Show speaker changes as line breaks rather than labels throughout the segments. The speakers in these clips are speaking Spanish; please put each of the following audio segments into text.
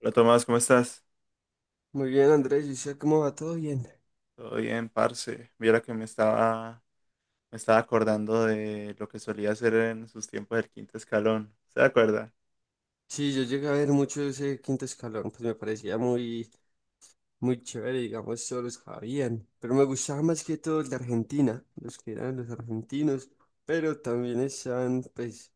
Hola Tomás, ¿cómo estás?
Muy bien, Andrés, ¿y usted cómo va? ¿Todo bien?
Todo bien, parce. Mira que me estaba acordando de lo que solía hacer en sus tiempos del quinto escalón. ¿Se acuerda?
Sí, yo llegué a ver mucho ese quinto escalón, pues me parecía muy chévere, digamos, todos los que habían, pero me gustaba más que todo el de Argentina, los que eran los argentinos, pero también están,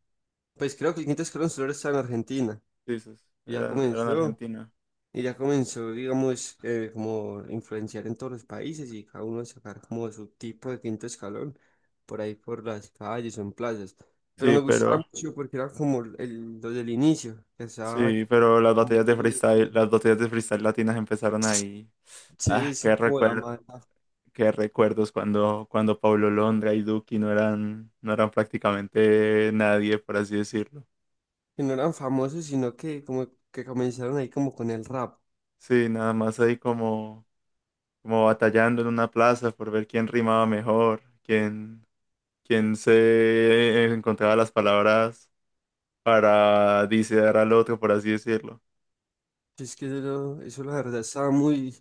pues creo que el quinto escalón solo está en Argentina,
Sí, sí, sí.
y ya
Eran en
comenzó,
Argentina.
Y ya comenzó, digamos, como influenciar en todos los países y cada uno a sacar como su tipo de quinto escalón por ahí por las calles o en plazas. Pero
Sí,
me gustaba
pero,
mucho porque era como el, lo del inicio, que estaba
sí, pero las
en
batallas de
YouTube
freestyle,
y
las batallas de freestyle latinas empezaron ahí.
sí,
Ah,
es
qué
como la
recuerdo,
mala,
qué recuerdos cuando Pablo Londra y Duki no eran prácticamente nadie, por así decirlo.
que no eran famosos, sino que como que comenzaron ahí como con el rap.
Sí, nada más ahí como batallando en una plaza por ver quién rimaba mejor, quién, quién se encontraba las palabras para disear al otro, por así decirlo.
Es que eso la verdad estaba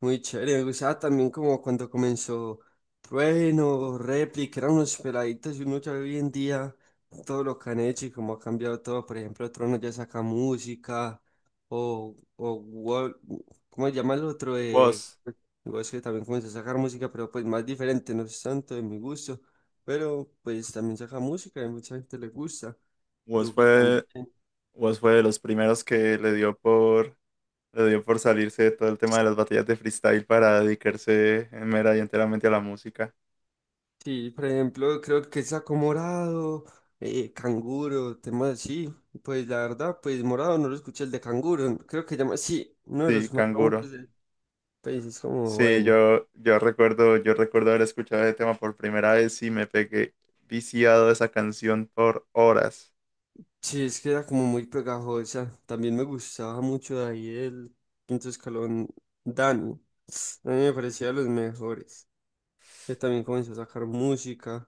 muy chévere. Me gustaba también como cuando comenzó Trueno, Réplica, eran unos peladitos y uno ya hoy en día todo lo que han hecho y cómo ha cambiado todo. Por ejemplo, Trueno ya saca música o Wol- ¿cómo se llama el otro?
Woz,
Es que también comenzó a sacar música, pero pues más diferente, no es tanto de mi gusto. Pero pues también saca música y mucha gente le gusta.
Woz
Duki también.
fue, Woz fue de los primeros que le dio por salirse de todo el tema de las batallas de freestyle para dedicarse en mera y enteramente a la música.
Sí, por ejemplo, creo que saco morado, canguro, temas así. Pues la verdad, pues morado no lo escuché el de canguro. Creo que llama, sí, uno de
Sí,
los más
Canguro.
famosos del país es como
Sí,
bueno.
yo recuerdo haber escuchado ese tema por primera vez y me pegué viciado a esa canción por horas.
Sí, es que era como muy pegajosa. También me gustaba mucho de ahí el quinto escalón Dani. A mí me parecía de los mejores. Él también comenzó a sacar música.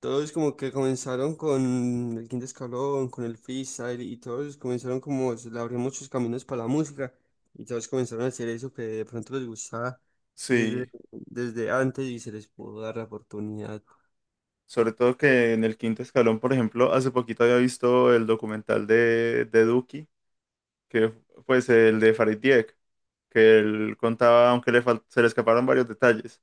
Todos como que comenzaron con el quinto escalón, con el freestyle y todos comenzaron como se le abrió muchos caminos para la música y todos comenzaron a hacer eso que de pronto les gustaba
Sí.
desde antes y se les pudo dar la oportunidad.
Sobre todo que en el quinto escalón, por ejemplo, hace poquito había visto el documental de Duki, que pues el de Farid Dieck, que él contaba, aunque se le escaparon varios detalles,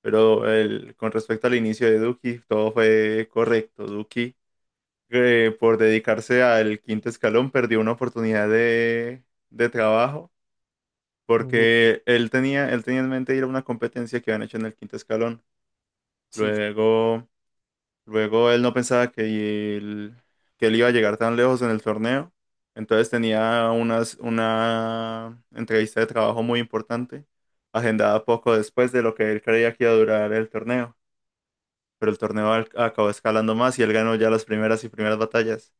pero él, con respecto al inicio de Duki, todo fue correcto. Duki, por dedicarse al quinto escalón, perdió una oportunidad de trabajo,
Ujú.
porque él tenía en mente ir a una competencia que habían hecho en el quinto escalón.
Sí,
Luego... Luego él no pensaba que él iba a llegar tan lejos en el torneo. Entonces una entrevista de trabajo muy importante, agendada poco después de lo que él creía que iba a durar el torneo. Pero el torneo acabó escalando más y él ganó ya las primeras y primeras batallas.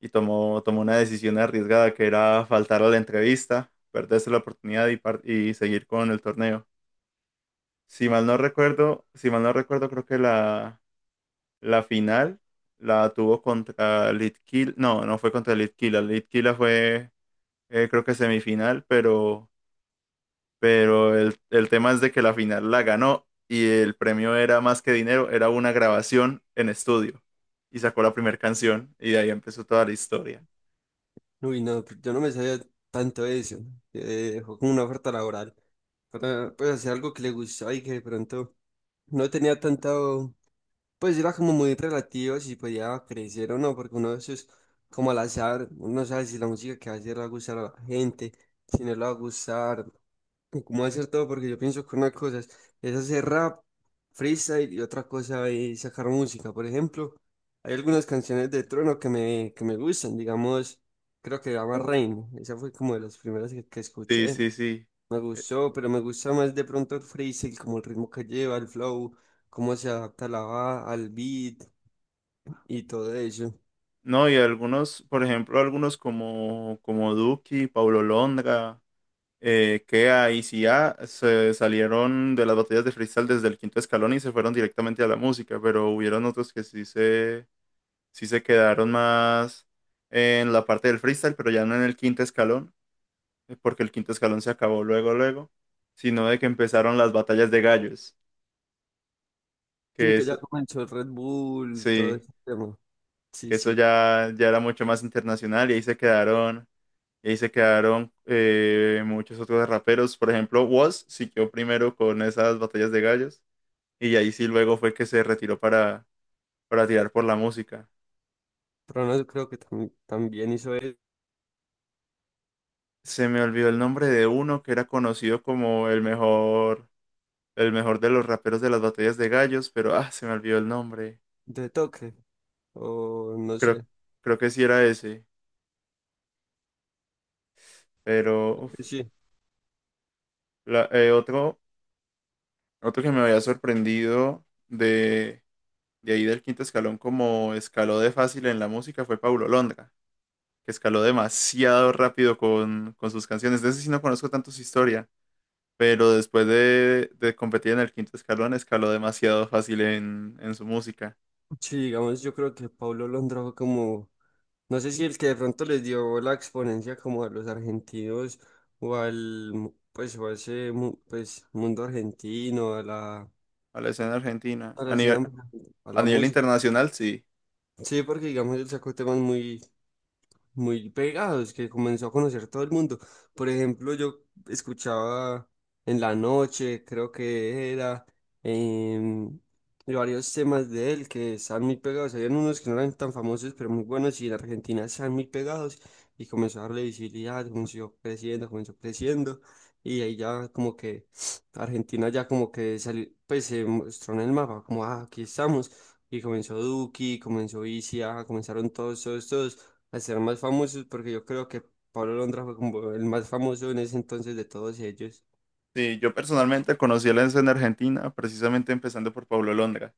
Y tomó una decisión arriesgada que era faltar a la entrevista, perderse la oportunidad y seguir con el torneo. Si mal no recuerdo, creo que la final la tuvo contra Litkila. No, no fue contra Litkila. Litkila fue, creo que semifinal, pero el tema es de que la final la ganó y el premio era más que dinero, era una grabación en estudio. Y sacó la primera canción y de ahí empezó toda la historia.
uy, no, pues, yo no me sabía tanto eso, fue como una oferta laboral para pues hacer algo que le gustaba y que de pronto no tenía tanta pues era como muy relativo si podía crecer o no, porque uno de esos, como al azar, uno no sabe si la música que va a hacer le va a gustar a la gente, si no le va a gustar, y cómo hacer todo, porque yo pienso que una cosa es hacer rap, freestyle, y otra cosa es sacar música. Por ejemplo, hay algunas canciones de Trono que me gustan, digamos, creo que se llama Rain, esa fue como de las primeras que
Sí,
escuché,
sí, sí.
me
Eh,
gustó, pero me gusta más de pronto el freestyle, como el ritmo que lleva, el flow cómo se adapta la va al beat, y todo eso.
no, y algunos, por ejemplo, algunos como Duki, Paulo Londra. Eh, Kea y Sia se salieron de las batallas de freestyle desde el quinto escalón y se fueron directamente a la música, pero hubieron otros que sí se quedaron más en la parte del freestyle, pero ya no en el quinto escalón, porque el quinto escalón se acabó luego, sino de que empezaron las batallas de gallos,
Sí,
que
que
es,
ya comenzó el Red Bull, todo
sí,
ese tema.
que
Sí,
eso
sí.
ya era mucho más internacional y ahí se quedaron. Y ahí se quedaron muchos otros raperos. Por ejemplo, Wos siguió primero con esas batallas de gallos. Y ahí sí luego fue que se retiró para tirar por la música.
Pero no creo que tam- también hizo el
Se me olvidó el nombre de uno que era conocido como el mejor de los raperos de las batallas de gallos, pero ah, se me olvidó el nombre.
de toque, o no
Creo,
sé.
creo que sí era ese. Pero
Creo
uf,
Sí,
la- eh, otro, otro que me había sorprendido de ahí del quinto escalón como escaló de fácil en la música fue Paulo Londra, que escaló demasiado rápido con sus canciones. De ese sí no conozco tanto su historia. Pero después de competir en el quinto escalón, escaló demasiado fácil en su música,
sí, digamos, yo creo que Pablo Londra fue como, no sé si el que de pronto les dio la exponencia como a los argentinos o al, mu- pues, o a ese, mu- pues, mundo argentino,
a la escena argentina.
a la escena, a
A
la
nivel
música.
internacional, sí.
Sí, porque digamos, él sacó temas muy pegados, que comenzó a conocer todo el mundo. Por ejemplo, yo escuchaba en la noche, creo que era, em, y varios temas de él que están muy pegados. Habían unos que no eran tan famosos, pero muy buenos, y en Argentina están muy pegados. Y comenzó a darle visibilidad, comenzó creciendo, comenzó creciendo. Y ahí ya como que Argentina ya como que salió, pues se mostró en el mapa, como, ah, aquí estamos. Y comenzó Duki, comenzó Isia, comenzaron todos, todos, todos a ser más famosos, porque yo creo que Pablo Londra fue como el más famoso en ese entonces de todos ellos.
Sí, yo personalmente conocí a la escena argentina precisamente empezando por Paulo Londra.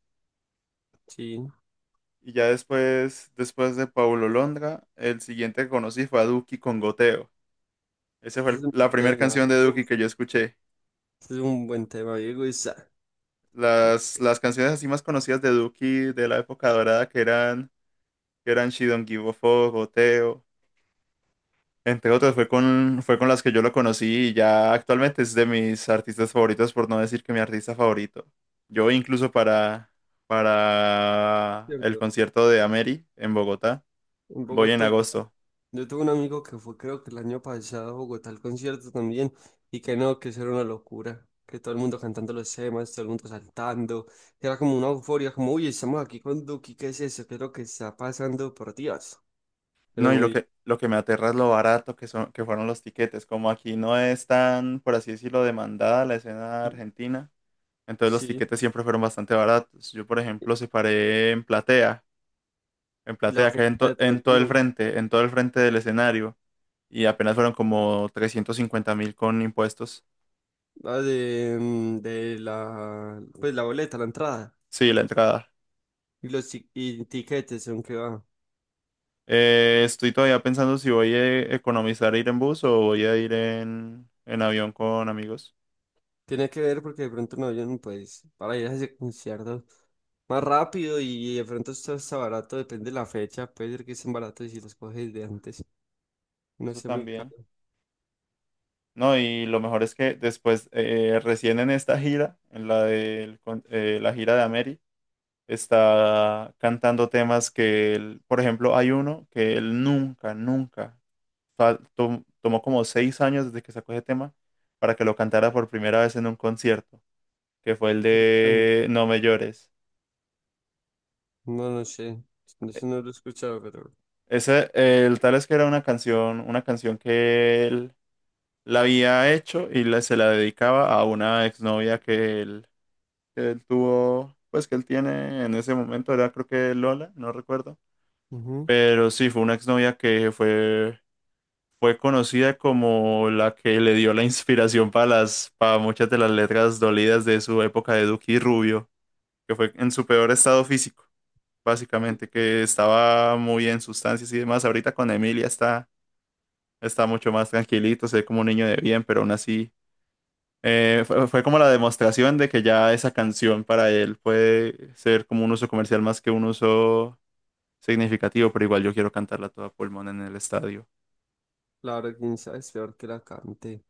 Sí,
Y ya después, después de Paulo Londra, el siguiente que conocí fue a Duki con Goteo. Esa fue
ese es un
la
buen
primera
tema.
canción de
Uf,
Duki que yo escuché.
ese es un buen tema, Diego Isa,
Las canciones así más conocidas de Duki de la época dorada que eran She Don't Give a Fuck, Goteo. Entre otras, fue con las que yo lo conocí y ya actualmente es de mis artistas favoritos, por no decir que mi artista favorito. Yo incluso para el
¿cierto?
concierto de Ameri en Bogotá,
En
voy en
Bogotá,
agosto.
yo tuve un amigo que fue, creo que el año pasado, a Bogotá al concierto también, y que no, que eso era una locura. Que todo el mundo cantando los temas, todo el mundo saltando. Era como una euforia, como, uy, estamos aquí con Duki, ¿qué es eso? ¿Qué es lo que está pasando? Por Dios. Pero
No, y
muy.
lo que me aterra es lo barato que que fueron los tiquetes. Como aquí no es tan, por así decirlo, demandada la escena argentina, entonces los
Sí,
tiquetes siempre fueron bastante baratos. Yo, por ejemplo, separé en
la
platea, que hay en,
fiesta de
en
pronto
todo el
no.
frente, en todo el frente del escenario. Y apenas fueron como 350.000 con impuestos.
Ah, de, mm, de la, pues la boleta, la entrada
Sí, la entrada.
y tiquetes, aunque va.
Estoy todavía pensando si voy a economizar ir en bus o voy a ir en avión con amigos.
Tiene que ver porque de pronto un avión, pues, para ir a ese concierto más rápido y de pronto esto está barato, depende de la fecha, puede ser que estén baratos y si los coges de antes. No
Eso
sé, muy caro.
también. No, y lo mejor es que después, recién en esta gira, en la la gira de Ameri, está cantando temas que, por ejemplo, hay uno que él nunca tomó como 6 años desde que sacó ese tema para que lo cantara por primera vez en un concierto, que fue el
Sí, tan-
de No me llores.
No, no
E-
sé, no lo he escuchado, pero...
Ese, el tal es que era una canción que él la había hecho y se la dedicaba a una exnovia que él tuvo, pues que él tiene en ese momento, era creo que Lola, no recuerdo.
Ujú.
Pero sí, fue una exnovia que fue, fue conocida como la que le dio la inspiración para para muchas de las letras dolidas de su época de Duque y Rubio, que fue en su peor estado físico.
Sí.
Básicamente, que estaba muy en sustancias y demás. Ahorita con Emilia está mucho más tranquilito, se ve como un niño de bien, pero aún así fue como la demostración de que ya esa canción para él puede ser como un uso comercial más que un uso significativo, pero igual yo quiero cantarla toda pulmón en el estadio.
Claro, quién sabe, es peor que la cante.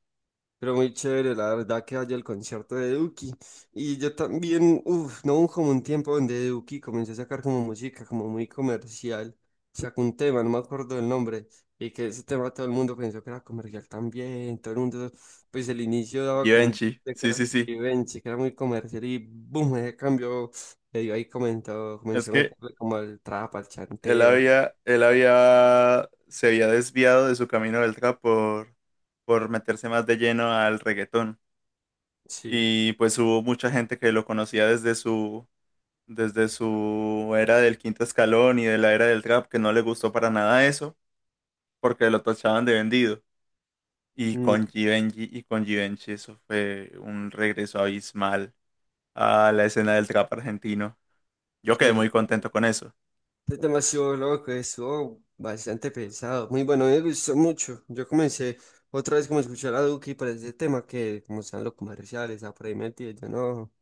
Pero muy chévere, la verdad que vaya el concierto de Duki. Y yo también, uff, no hubo como un tiempo donde Duki comenzó a sacar como música, como muy comercial. Sacó un tema, no me acuerdo del nombre. Y que ese tema todo el mundo pensó que era comercial también. Todo el mundo, pues el inicio daba como un
Givenchy,
que
sí,
era
sí, sí.
Givenchy, que era muy comercial. Y boom, ese cambio medio ahí comentó,
Es
comenzó a
que
meterle como al trap, al chanteo.
se había desviado de su camino del trap por meterse más de lleno al reggaetón.
Sí.
Y pues hubo mucha gente que lo conocía desde su era del quinto escalón y de la era del trap, que no le gustó para nada eso, porque lo tachaban de vendido. Y
Mm,
con Givenchy, y con Givenchy eso fue un regreso abismal a la escena del trap argentino. Yo quedé
sí,
muy contento con eso.
es demasiado loco, estuvo bastante pesado. Muy bueno, a mí me gustó mucho. Yo comencé otra vez como a escuchar a Duki para ese tema que como están los comerciales, a por ahí metido, yo no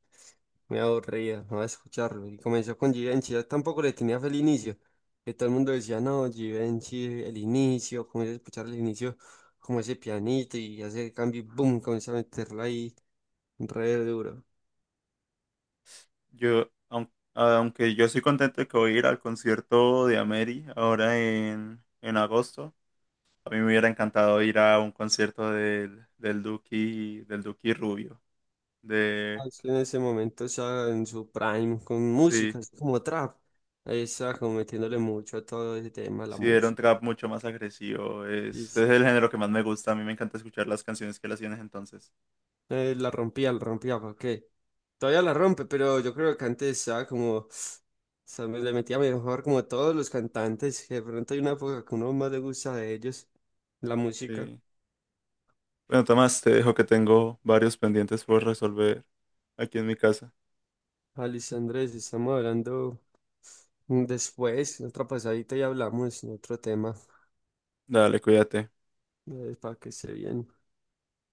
me aburría, no a escucharlo. Y comenzó con Givenchy, yo tampoco le tenía feliz inicio, que todo el mundo decía, no, Givenchy, el inicio, comencé a escuchar el inicio, como ese pianito y hace el cambio y boom, comenzó a meterlo ahí re duro.
Yo, aunque yo estoy contento de que voy a ir al concierto de Ameri ahora en agosto, a mí me hubiera encantado ir a un concierto del Duki Rubio. De,
Austin en ese momento estaba en su prime con
sí,
música, así como trap. Ahí estaba como metiéndole mucho a todo ese tema, la
sí, era un
música.
trap mucho más agresivo.
Y
Es
sí,
el género que más me gusta. A mí me encanta escuchar las canciones que él hacía en ese entonces.
la rompía, ¿para qué? Todavía la rompe, pero yo creo que antes estaba como, o sea, me le metía mejor como a todos los cantantes, que de pronto hay una época que uno más le gusta de ellos, la música.
Sí. Bueno, Tomás, te dejo que tengo varios pendientes por resolver aquí en mi casa.
Alice Andrés, estamos hablando después, otra pasadita y hablamos de otro tema,
Dale, cuídate.
para que se bien.